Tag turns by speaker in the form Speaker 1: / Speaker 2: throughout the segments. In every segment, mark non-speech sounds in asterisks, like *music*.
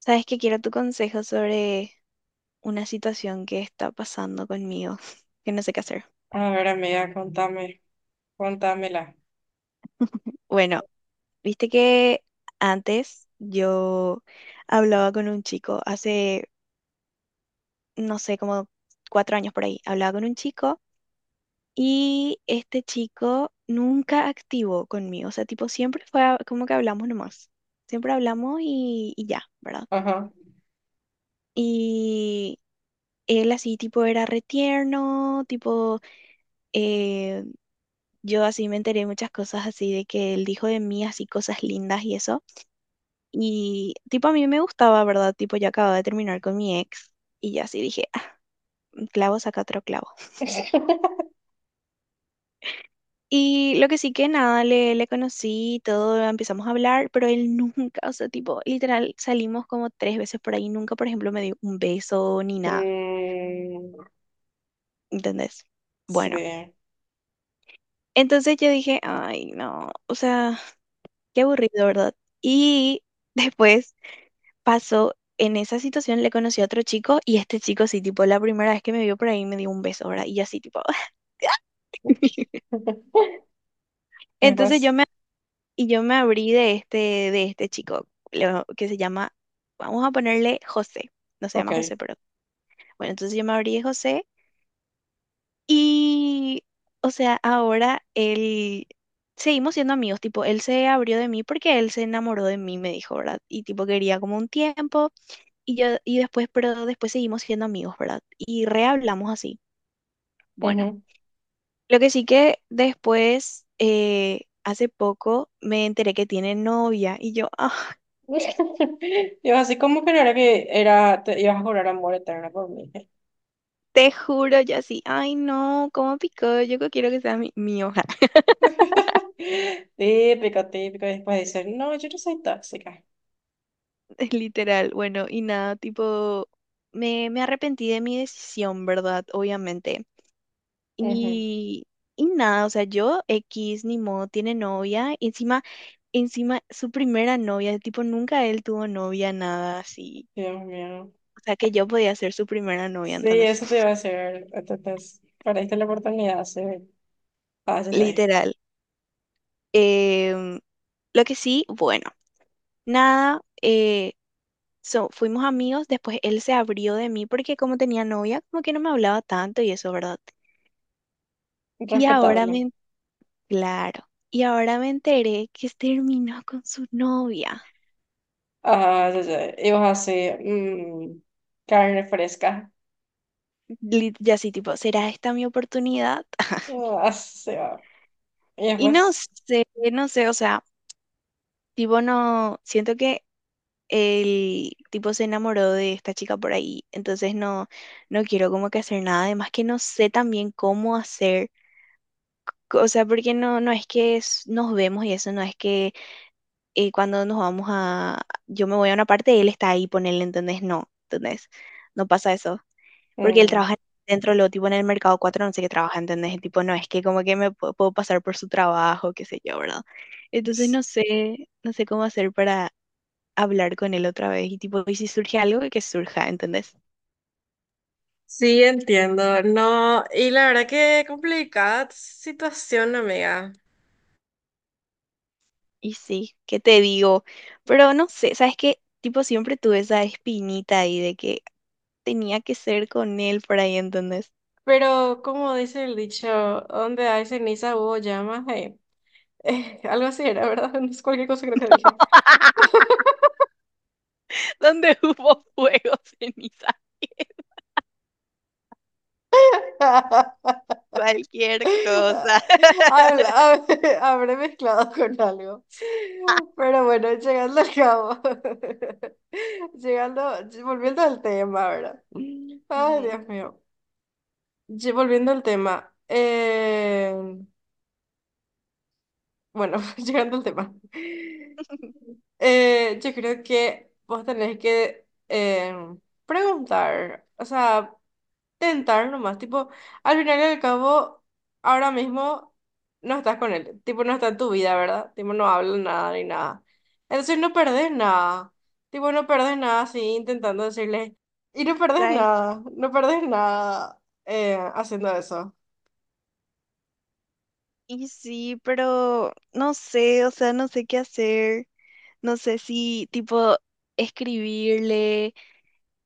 Speaker 1: Sabes que quiero tu consejo sobre una situación que está pasando conmigo, *laughs* que no sé qué hacer.
Speaker 2: A ver, amiga, contame, contámela.
Speaker 1: Bueno, viste que antes yo hablaba con un chico, hace, no sé, como cuatro años por ahí, hablaba con un chico y este chico nunca activó conmigo, o sea, tipo, siempre fue como que hablamos nomás, siempre hablamos y ya, ¿verdad?
Speaker 2: Ajá.
Speaker 1: Y él así, tipo, era retierno, tipo... eh, yo así me enteré muchas cosas así de que él dijo de mí, así cosas lindas y eso. Y tipo a mí me gustaba, ¿verdad? Tipo yo acababa de terminar con mi ex y ya así dije: "Ah, un clavo saca otro clavo".
Speaker 2: *laughs*
Speaker 1: Y lo que sí que nada, le conocí, y todo, empezamos a hablar, pero él nunca, o sea, tipo, literal salimos como tres veces por ahí, nunca, por ejemplo, me dio un beso ni nada,
Speaker 2: Mm,
Speaker 1: ¿entendés? Bueno,
Speaker 2: sí.
Speaker 1: entonces yo dije, ay, no, o sea, qué aburrido, ¿verdad? Y después pasó en esa situación, le conocí a otro chico y este chico sí, tipo, la primera vez que me vio por ahí me dio un beso, ¿verdad? Y yo así, tipo, *laughs*
Speaker 2: ¿Qué
Speaker 1: entonces
Speaker 2: pues?
Speaker 1: y yo me abrí de este chico, que se llama, vamos a ponerle José, no se llama
Speaker 2: Ok.
Speaker 1: José, pero bueno, entonces yo me abrí de José y, o sea, ahora él, seguimos siendo amigos, tipo, él se abrió de mí porque él se enamoró de mí, me dijo, ¿verdad? Y tipo, quería como un tiempo. Pero después seguimos siendo amigos, ¿verdad? Y rehablamos así. Bueno,
Speaker 2: Ujú.
Speaker 1: lo que sí que después, hace poco, me enteré que tiene novia y yo, ah, *laughs*
Speaker 2: *laughs* Yo así como que no era que era, te ibas a jurar amor eterno por mí.
Speaker 1: te juro, yo así, ay no, cómo picó, yo que quiero que sea mi hoja,
Speaker 2: *laughs* Típico, típico. Y después dicen, no, yo no soy tóxica.
Speaker 1: *laughs* literal. Bueno, y nada, tipo, me arrepentí de mi decisión, ¿verdad? Obviamente.
Speaker 2: Ujú.
Speaker 1: Y, y nada, o sea, yo, X, ni modo, tiene novia, y encima, encima, su primera novia, tipo, nunca él tuvo novia, nada así.
Speaker 2: Dios mío.
Speaker 1: O sea, que yo podía ser su primera novia,
Speaker 2: Sí,
Speaker 1: entonces.
Speaker 2: eso te iba a
Speaker 1: *laughs*
Speaker 2: decir. Entonces, perdiste la oportunidad, sí. Ah, ya, ya.
Speaker 1: Literal. Em, lo que sí, bueno, nada, fuimos amigos, después él se abrió de mí porque como tenía novia, como que no me hablaba tanto y eso, ¿verdad? Y
Speaker 2: Respetable.
Speaker 1: claro, y ahora me enteré que terminó con su novia.
Speaker 2: Ah, ya, ya. Y vos así, mm, carne fresca.
Speaker 1: Ya así, tipo, ¿será esta mi oportunidad? *laughs*
Speaker 2: Ah, así se va. Y
Speaker 1: Y no sé, no sé, o sea, tipo, no, siento que el tipo se enamoró de esta chica por ahí, entonces no, no quiero como que hacer nada, además que no sé también cómo hacer. O sea, porque no, no es que nos vemos y eso, no es que cuando nos vamos a, yo me voy a una parte, él está ahí, ponele, ¿entendés? No, ¿entendés? No pasa eso. Porque él
Speaker 2: mm,
Speaker 1: trabaja dentro, lo tipo en el mercado 4, no sé qué trabaja, ¿entendés? Y tipo, no es que como que me puedo pasar por su trabajo, qué sé yo, ¿verdad? Entonces no sé, no sé cómo hacer para hablar con él otra vez y tipo, y si surge algo, que surja, ¿entendés?
Speaker 2: sí, entiendo. No, y la verdad que complicada situación, amiga.
Speaker 1: Y sí, ¿qué te digo? Pero no sé, ¿sabes qué? Tipo, siempre tuve esa espinita ahí de que tenía que ser con él por ahí, ¿entendés?
Speaker 2: Pero como dice el dicho, donde hay ceniza hubo llamas, *laughs* algo así era, ¿verdad? *laughs* No es cualquier cosa creo que dije.
Speaker 1: *laughs* Donde hubo fuego, ceniza, *laughs*
Speaker 2: *laughs*
Speaker 1: cualquier cosa.
Speaker 2: *laughs*
Speaker 1: *laughs*
Speaker 2: Habla, *laughs* habré mezclado con algo. Pero bueno, llegando al cabo. *laughs* Llegando, volviendo al tema, ¿verdad? Ay,
Speaker 1: Ujú.
Speaker 2: Dios mío. Volviendo al tema. Bueno, *laughs* llegando al tema. Yo creo que vos tenés que preguntar, o sea, tentar nomás, tipo, al final y al cabo, ahora mismo no estás con él. Tipo, no está en tu vida, ¿verdad? Tipo, no hablan nada ni nada. Entonces no perdés nada, tipo, no perdés nada así intentando decirle, y no perdés
Speaker 1: ¿Sabes?
Speaker 2: nada, no perdés nada haciendo eso.
Speaker 1: Y sí, pero no sé, o sea, no sé qué hacer. No sé si, tipo, escribirle,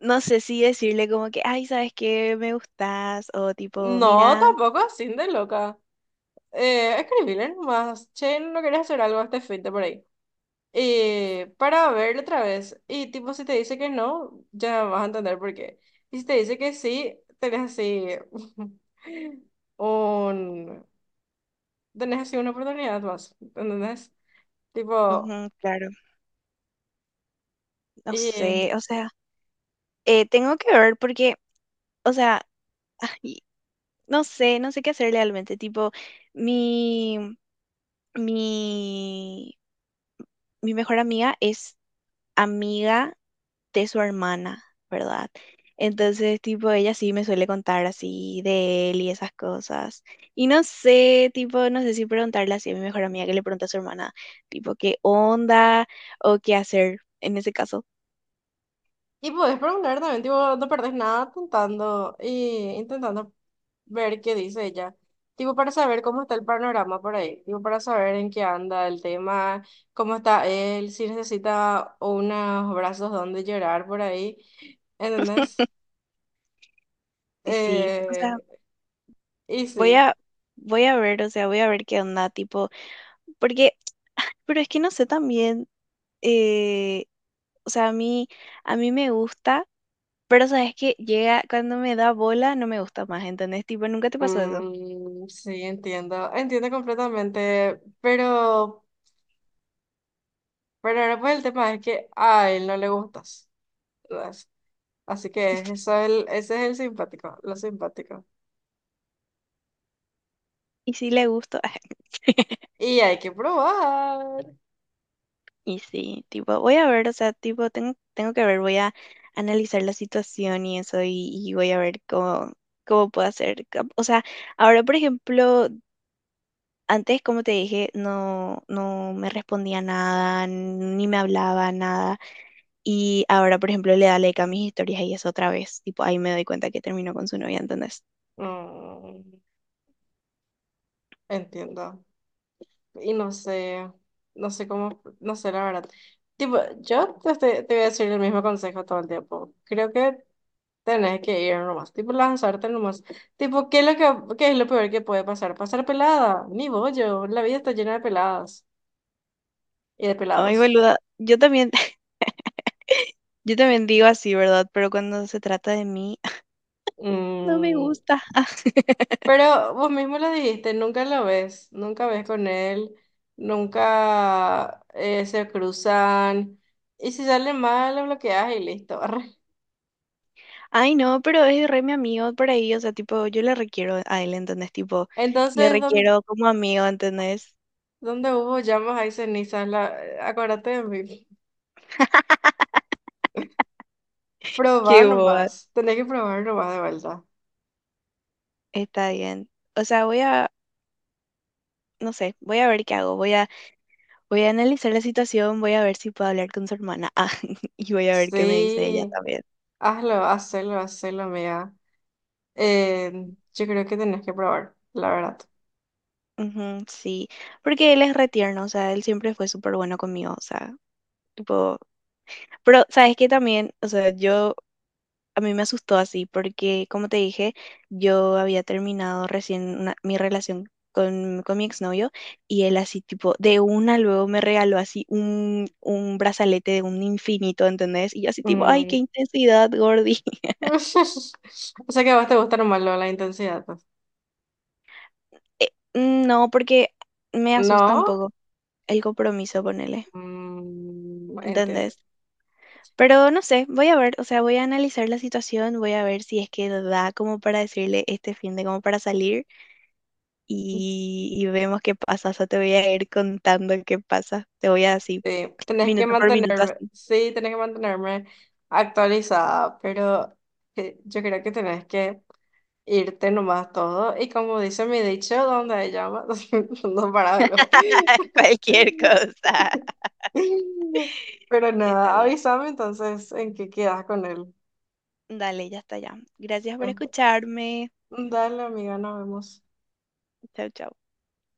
Speaker 1: no sé si decirle como que, ay, ¿sabes qué? Me gustas, o tipo,
Speaker 2: No,
Speaker 1: mira,
Speaker 2: tampoco así de loca. Escribile nomás, che, no quería hacer algo este fin de por ahí. Y para verlo otra vez. Y tipo, si te dice que no, ya vas a entender por qué. Y si te dice que sí, tenés así *laughs* un... Tenés así una oportunidad más, ¿entendés? Tipo,
Speaker 1: ujú, claro, no
Speaker 2: y
Speaker 1: sé, o sea, tengo que ver porque, o sea, *laughs* no sé, no sé qué hacer realmente. Tipo, mi, mi, mi mejor amiga es amiga de su hermana, ¿verdad? Entonces, tipo, ella sí me suele contar así de él y esas cosas. Y no sé, tipo, no sé si preguntarle así a mi mejor amiga que le pregunta a su hermana, tipo, qué onda o qué hacer en ese caso.
Speaker 2: Y podés preguntar también, tipo, no perdés nada intentando, y intentando ver qué dice ella. Tipo, para saber cómo está el panorama por ahí. Tipo, para saber en qué anda el tema, cómo está él, si necesita unos brazos donde llorar por ahí. ¿Entendés?
Speaker 1: Y sí, o sea,
Speaker 2: Eh, y
Speaker 1: voy
Speaker 2: sí.
Speaker 1: a, voy a ver, o sea, voy a ver qué onda, tipo, porque, pero es que no sé también, eh, o sea, a mí me gusta, pero sabes que llega, cuando me da bola, no me gusta más, ¿entendés? Tipo, nunca te pasó eso.
Speaker 2: Mm, sí, entiendo. Entiendo completamente. Pero ahora pues el tema es que a él no le gustas. Así que eso es el, ese es el simpático, lo simpático.
Speaker 1: Y sí le gusto, *laughs*
Speaker 2: Y hay que probar.
Speaker 1: y sí, tipo, voy a ver, o sea, tipo, tengo que ver, voy a analizar la situación y eso, y voy a ver cómo, cómo puedo hacer. O sea, ahora, por ejemplo, antes, como te dije, no, no me respondía nada, ni me hablaba nada. Y ahora, por ejemplo, le da like a mis historias y eso otra vez. Tipo, ahí me doy cuenta que terminó con su novia, ¿entendés?
Speaker 2: Mm, entiendo. Y no sé, no sé cómo, no sé la verdad. Tipo, te voy a decir el mismo consejo todo el tiempo. Creo que tenés que ir nomás, tipo lanzarte nomás. Tipo, ¿qué es lo peor que puede pasar? Pasar pelada, ni bollo, la vida está llena de peladas y de
Speaker 1: Ay,
Speaker 2: pelados.
Speaker 1: boluda, yo también, *laughs* yo también digo así, ¿verdad? Pero cuando se trata de mí, *laughs* no me
Speaker 2: Mm,
Speaker 1: gusta.
Speaker 2: pero vos mismo lo dijiste, nunca lo ves, nunca ves con él, nunca se cruzan. Y si sale mal, lo bloqueas y listo. *laughs* Arre.
Speaker 1: Ay, no, pero es re mi amigo por ahí, o sea, tipo, yo le requiero a él, ¿entendés? Tipo, le
Speaker 2: Entonces,
Speaker 1: requiero como amigo, ¿entendés?
Speaker 2: ¿dónde hubo llamas hay cenizas? Acuérdate de mí.
Speaker 1: Qué
Speaker 2: Probar
Speaker 1: boba.
Speaker 2: nomás, tenés que probar nomás de vuelta.
Speaker 1: Está bien. O sea, no sé, voy a ver qué hago. Voy a analizar la situación, voy a ver si puedo hablar con su hermana. *laughs* Ah, y voy a ver qué me dice ella
Speaker 2: Sí,
Speaker 1: también.
Speaker 2: hazlo, hazlo, hazlo, amiga. Eh, yo creo que tenés que probar, la verdad.
Speaker 1: Ujú, sí, porque él es re tierno, o sea, él siempre fue súper bueno conmigo, o sea, tipo, pero sabes que también, o sea, yo a mí me asustó así porque, como te dije, yo había terminado recién mi relación con mi exnovio y él así tipo, de una luego me regaló así un brazalete de un infinito, ¿entendés? Y yo así tipo, ay, qué
Speaker 2: Mm.
Speaker 1: intensidad, Gordy. *laughs*
Speaker 2: *laughs* O sea que a vos te gusta nomás lo de la intensidad, pues.
Speaker 1: Eh, no, porque me asusta un
Speaker 2: ¿No?
Speaker 1: poco el compromiso, ponele,
Speaker 2: Mm, entiendo.
Speaker 1: ¿entendés? Pero no sé, voy a ver, o sea, voy a analizar la situación, voy a ver si es que da como para decirle este fin de como para salir, y vemos qué pasa. O sea, te voy a ir contando qué pasa. Te voy a así,
Speaker 2: Sí, tenés que
Speaker 1: minuto por minuto,
Speaker 2: mantenerme,
Speaker 1: así,
Speaker 2: sí, tenés que mantenerme actualizada, pero yo creo que tenés que irte nomás todo. Y como dice mi dicho, donde hay llamas, *laughs* no para algo.
Speaker 1: *laughs* cualquier cosa.
Speaker 2: *laughs* Pero
Speaker 1: Está
Speaker 2: nada,
Speaker 1: bien.
Speaker 2: avísame entonces en qué quedas con él.
Speaker 1: Dale, ya está ya. Gracias por
Speaker 2: Este,
Speaker 1: escucharme.
Speaker 2: Dale, amiga, nos vemos.
Speaker 1: Chau, chau.